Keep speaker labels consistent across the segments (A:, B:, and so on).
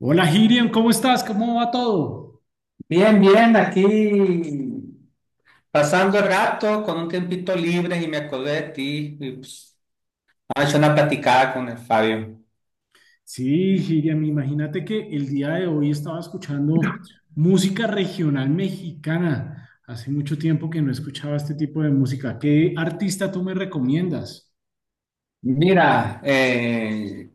A: Hola Hiriam, ¿cómo estás? ¿Cómo va todo?
B: Bien, bien, aquí pasando el rato con un tiempito libre y me acordé de ti y pues vamos a echar una platicada con el Fabio.
A: Sí, Hiriam, imagínate que el día de hoy estaba escuchando música regional mexicana. Hace mucho tiempo que no escuchaba este tipo de música. ¿Qué artista tú me recomiendas?
B: Mira,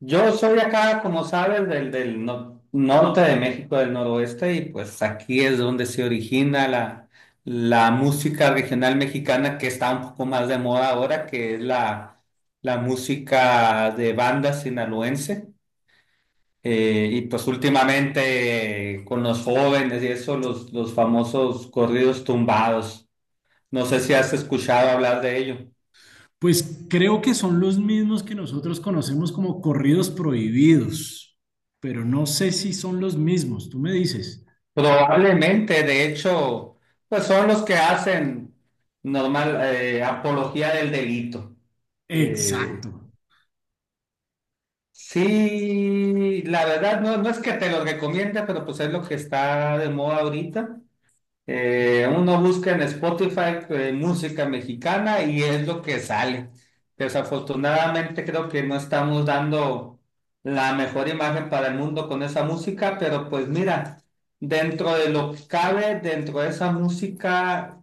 B: yo soy acá, como sabes, del norte de México, del noroeste, y pues aquí es donde se origina la música regional mexicana que está un poco más de moda ahora, que es la música de banda sinaloense. Y pues últimamente con los jóvenes y eso, los famosos corridos tumbados. No sé si has escuchado hablar de ello.
A: Pues creo que son los mismos que nosotros conocemos como corridos prohibidos, pero no sé si son los mismos. Tú me dices.
B: Probablemente, de hecho, pues son los que hacen normal apología del delito. Eh,
A: Exacto.
B: sí, la verdad no, no es que te lo recomiende, pero pues es lo que está de moda ahorita. Uno busca en Spotify música mexicana y es lo que sale. Desafortunadamente creo que no estamos dando la mejor imagen para el mundo con esa música, pero pues mira, dentro de lo que cabe, dentro de esa música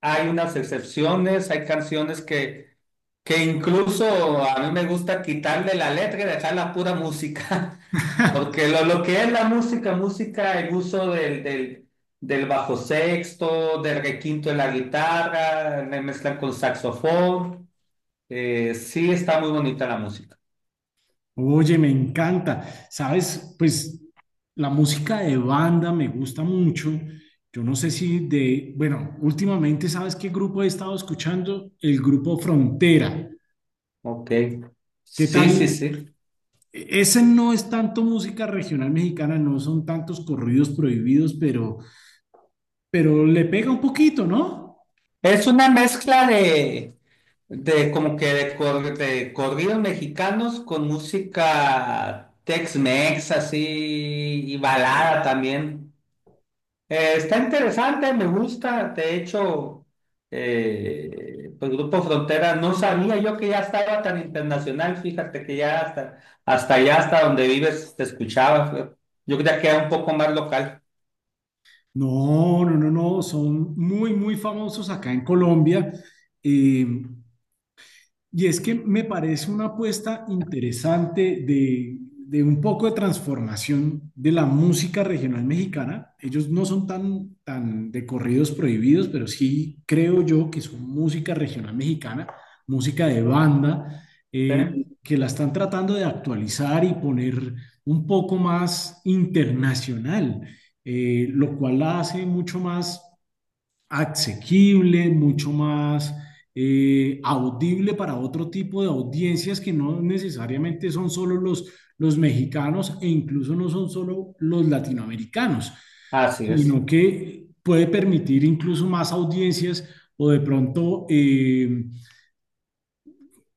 B: hay unas excepciones, hay canciones que incluso a mí me gusta quitarle la letra y dejar la pura música. Porque lo que es la música, música, el uso del bajo sexto, del requinto de la guitarra, me mezclan con saxofón. Sí, está muy bonita la música.
A: Oye, me encanta. Sabes, pues la música de banda me gusta mucho. Yo no sé si de, bueno, últimamente, ¿sabes qué grupo he estado escuchando? El grupo Frontera.
B: Ok.
A: ¿Qué
B: Sí, sí,
A: tal?
B: sí.
A: Ese no es tanto música regional mexicana, no son tantos corridos prohibidos, pero le pega un poquito, ¿no?
B: Es una mezcla de como que de, de corridos mexicanos con música Tex-Mex así y balada también. Está interesante, me gusta. De hecho, pues Grupo Frontera, no sabía yo que ya estaba tan internacional. Fíjate que ya hasta, hasta allá, hasta donde vives, te escuchaba. Yo creía que era un poco más local.
A: No, no, no, no, son muy, muy famosos acá en Colombia. Eh, Y es que me parece una apuesta interesante de un poco de transformación de la música regional mexicana. Ellos no son tan, tan de corridos prohibidos, pero sí creo yo que son música regional mexicana, música de banda,
B: ¿Sí?
A: eh, que la están tratando de actualizar y poner un poco más internacional, lo cual la hace mucho más asequible, mucho más audible para otro tipo de audiencias que no necesariamente son solo los mexicanos e incluso no son solo los latinoamericanos,
B: Así es.
A: sino que puede permitir incluso más audiencias o de pronto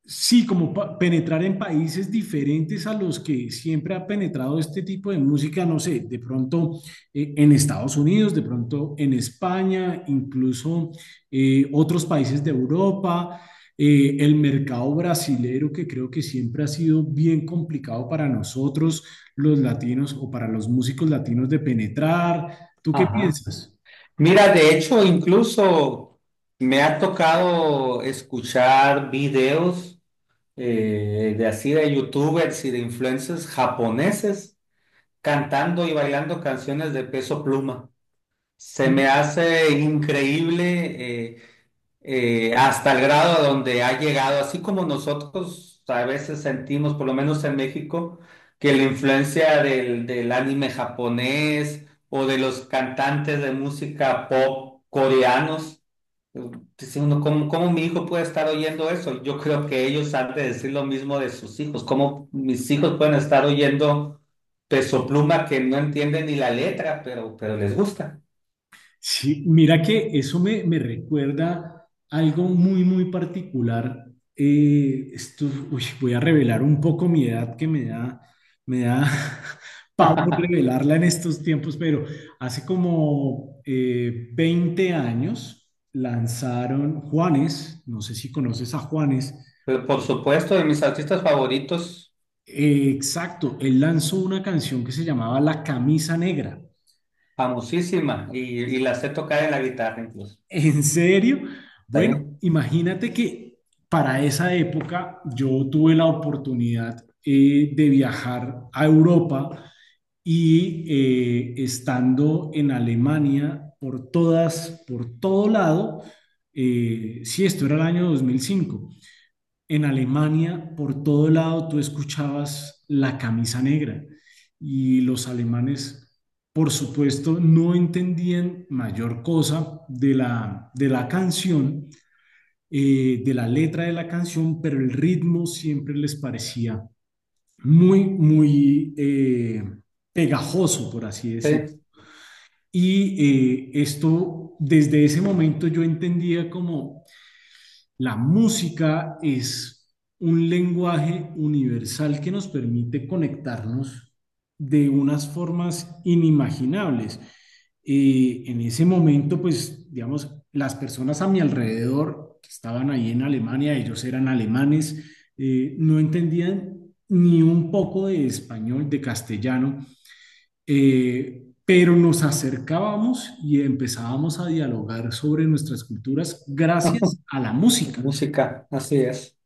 A: sí, como penetrar en países diferentes a los que siempre ha penetrado este tipo de música, no sé, de pronto en Estados Unidos, de pronto en España, incluso otros países de Europa, el mercado brasilero que creo que siempre ha sido bien complicado para nosotros los latinos o para los músicos latinos de penetrar. ¿Tú qué
B: Ajá.
A: piensas?
B: Mira, de hecho, incluso me ha tocado escuchar videos de así de youtubers y de influencers japoneses cantando y bailando canciones de Peso Pluma. Se me hace increíble hasta el grado a donde ha llegado, así como nosotros a veces sentimos, por lo menos en México, que la influencia del anime japonés o de los cantantes de música pop coreanos, eh, dice uno, ¿cómo, cómo mi hijo puede estar oyendo eso? Yo creo que ellos han de decir lo mismo de sus hijos, ¿cómo mis hijos pueden estar oyendo Peso Pluma que no entienden ni la letra, pero les gusta?
A: Sí, mira que eso me recuerda algo muy, muy particular. Eh, esto, uy, voy a revelar un poco mi edad que me da pavor revelarla en estos tiempos, pero hace como 20 años lanzaron Juanes, no sé si conoces a Juanes,
B: Pero por supuesto, de mis artistas favoritos,
A: exacto, él lanzó una canción que se llamaba La Camisa Negra.
B: famosísima, y la sé tocar en la guitarra incluso.
A: ¿En serio?
B: ¿Está
A: Bueno,
B: bien?
A: imagínate que para esa época yo tuve la oportunidad de viajar a Europa y estando en Alemania por todo lado, sí, esto era el año 2005 en Alemania, por todo lado, tú escuchabas la camisa negra y los alemanes, por supuesto, no entendían mayor cosa de de la canción, de la letra de la canción, pero el ritmo siempre les parecía muy, muy pegajoso, por así decir.
B: Sí.
A: Y desde ese momento yo entendía como la música es un lenguaje universal que nos permite conectarnos de unas formas inimaginables. En ese momento, pues, digamos, las personas a mi alrededor que estaban ahí en Alemania, ellos eran alemanes, no entendían ni un poco de español, de castellano, pero nos acercábamos y empezábamos a dialogar sobre nuestras culturas gracias a la música.
B: Música, así es.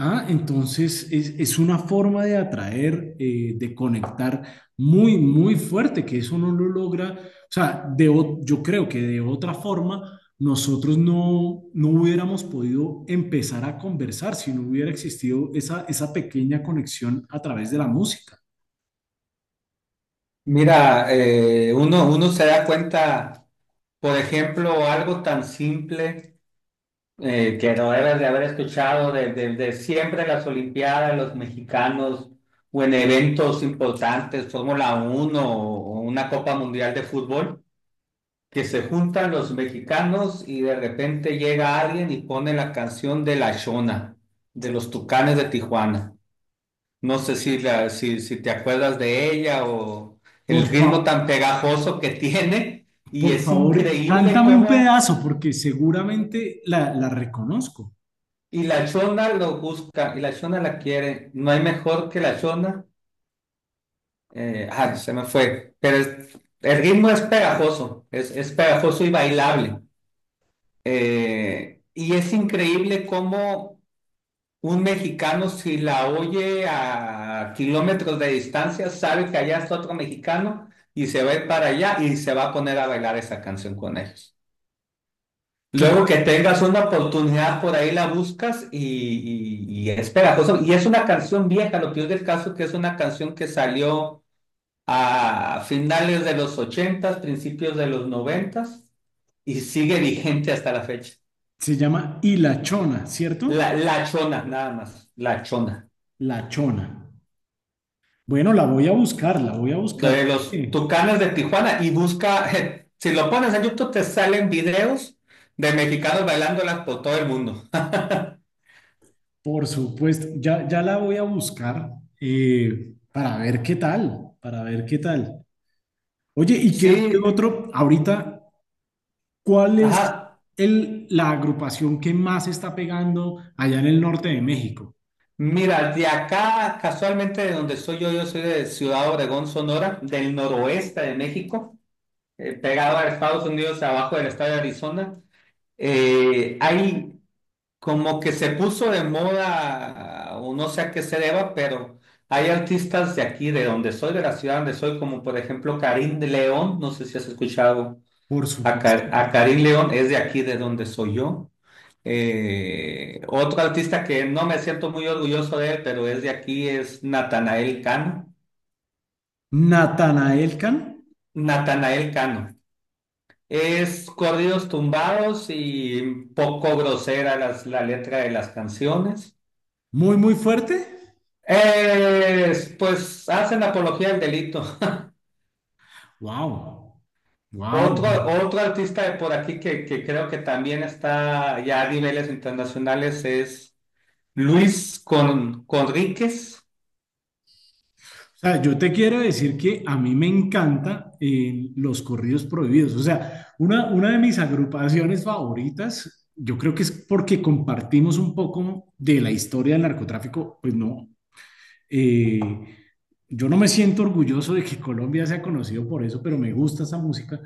A: Ah, entonces es una forma de atraer, de conectar muy, muy fuerte, que eso no lo logra. O sea, yo creo que de otra forma nosotros no, no hubiéramos podido empezar a conversar si no hubiera existido esa pequeña conexión a través de la música.
B: Mira, uno, uno se da cuenta, por ejemplo, algo tan simple que no debes de haber escuchado de siempre en las Olimpiadas, los mexicanos, o en eventos importantes, Fórmula 1 o una Copa Mundial de Fútbol. Que se juntan los mexicanos y de repente llega alguien y pone la canción de La Chona de los Tucanes de Tijuana. No sé si, si te acuerdas de ella o
A: Por
B: el
A: fa-
B: ritmo tan pegajoso que tiene y
A: por
B: es
A: favor,
B: increíble
A: cántame un
B: cómo...
A: pedazo porque seguramente la reconozco.
B: Y la chona lo busca y la chona la quiere. No hay mejor que la chona. Ah, se me fue. Pero el ritmo es pegajoso y bailable. Y es increíble cómo un mexicano, si la oye a kilómetros de distancia, sabe que allá está otro mexicano y se va a ir para allá y se va a poner a bailar esa canción con ellos. Luego
A: Claro,
B: que tengas una oportunidad por ahí la buscas y es pegajoso. Y es una canción vieja, lo peor del caso que es una canción que salió a finales de los ochentas, principios de los noventas y sigue vigente hasta la fecha.
A: se llama Y la Chona, ¿cierto?
B: La chona, nada más, la chona.
A: La Chona. Bueno, la voy a buscar, la voy a buscar.
B: De los
A: Porque,
B: Tucanes de Tijuana y busca, si lo pones en YouTube te salen videos de mexicanos bailándolas por todo el mundo.
A: por supuesto, ya, ya la voy a buscar para ver qué tal, para ver qué tal. Oye, ¿y qué, qué
B: Sí,
A: otro? Ahorita, ¿cuál es
B: ajá.
A: el, la agrupación que más está pegando allá en el norte de México?
B: Mira, de acá, casualmente de donde soy yo, yo soy de Ciudad Obregón, Sonora, del noroeste de México, pegado a Estados Unidos, abajo del estado de Arizona. Hay Como que se puso de moda, o no sé a qué se deba, pero hay artistas de aquí, de donde soy, de la ciudad donde soy, como por ejemplo Karim de León, no sé si has escuchado
A: Por supuesto.
B: A Karim León, es de aquí, de donde soy yo. Otro artista que no me siento muy orgulloso de él, pero es de aquí, es Natanael Cano.
A: Natanael Can,
B: Natanael Cano. Es corridos tumbados y poco grosera la letra de las canciones.
A: muy, muy fuerte.
B: Eh, pues hacen apología del delito.
A: Wow, wow.
B: Otro, Otro artista de por aquí que creo que también está ya a niveles internacionales es Luis Con, Conríquez.
A: O sea, yo te quiero decir que a mí me encanta los corridos prohibidos. O sea, una de mis agrupaciones favoritas, yo creo que es porque compartimos un poco de la historia del narcotráfico, pues no. eh, yo no me siento orgulloso de que Colombia sea conocido por eso, pero me gusta esa música.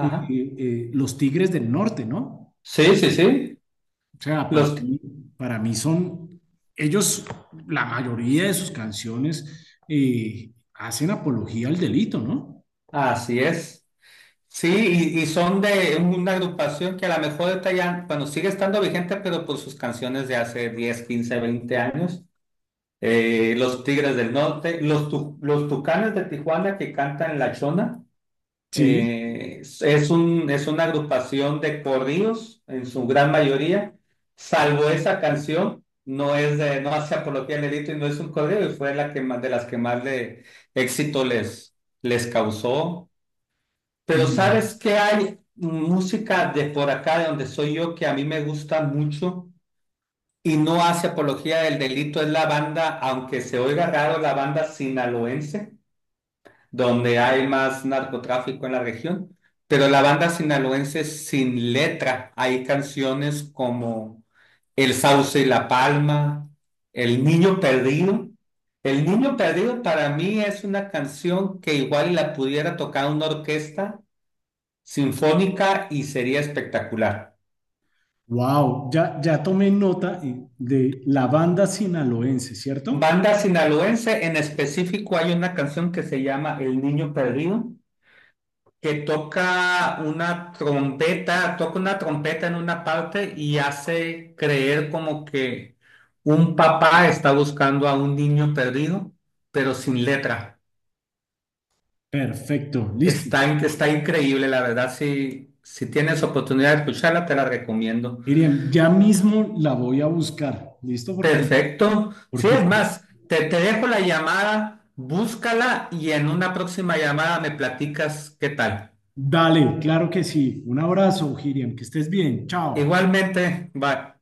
A: Los Tigres del Norte, ¿no?
B: Sí, sí, sí.
A: O sea, para
B: Los,
A: mí, para mí son, ellos, la mayoría de sus canciones hacen apología al delito, ¿no?
B: así es. Sí, y son de una agrupación que a lo mejor está ya, bueno, sigue estando vigente, pero por sus canciones de hace 10 15 20 años. Los Tigres del Norte, los Tucanes de Tijuana que cantan La Chona.
A: Sí,
B: Es es una agrupación de corridos en su gran mayoría, salvo esa canción, no es de, no hace apología del delito y no es un corrido, y fue la que más, de las que más de éxito les causó. Pero ¿sabes qué hay? Música de por acá, de donde soy yo, que a mí me gusta mucho y no hace apología del delito, es la banda, aunque se oiga raro, la banda sinaloense donde hay más narcotráfico en la región. Pero la banda sinaloense sin letra. Hay canciones como El Sauce y la Palma, El Niño Perdido. El Niño Perdido para mí es una canción que igual la pudiera tocar una orquesta sinfónica y sería espectacular.
A: wow, ya, ya tomé nota de la banda sinaloense, ¿cierto?
B: Banda sinaloense, en específico hay una canción que se llama El Niño Perdido que toca una trompeta en una parte y hace creer como que un papá está buscando a un niño perdido, pero sin letra.
A: Perfecto, listo.
B: Está, está increíble, la verdad. Si, si tienes oportunidad de escucharla, te la recomiendo.
A: Miriam, ya mismo la voy a buscar, ¿listo? Porque,
B: Perfecto. Sí,
A: porque,
B: es más, te dejo la llamada, búscala y en una próxima llamada me platicas qué tal.
A: dale, claro que sí. Un abrazo, Miriam, que estés bien, chao.
B: Igualmente, bye.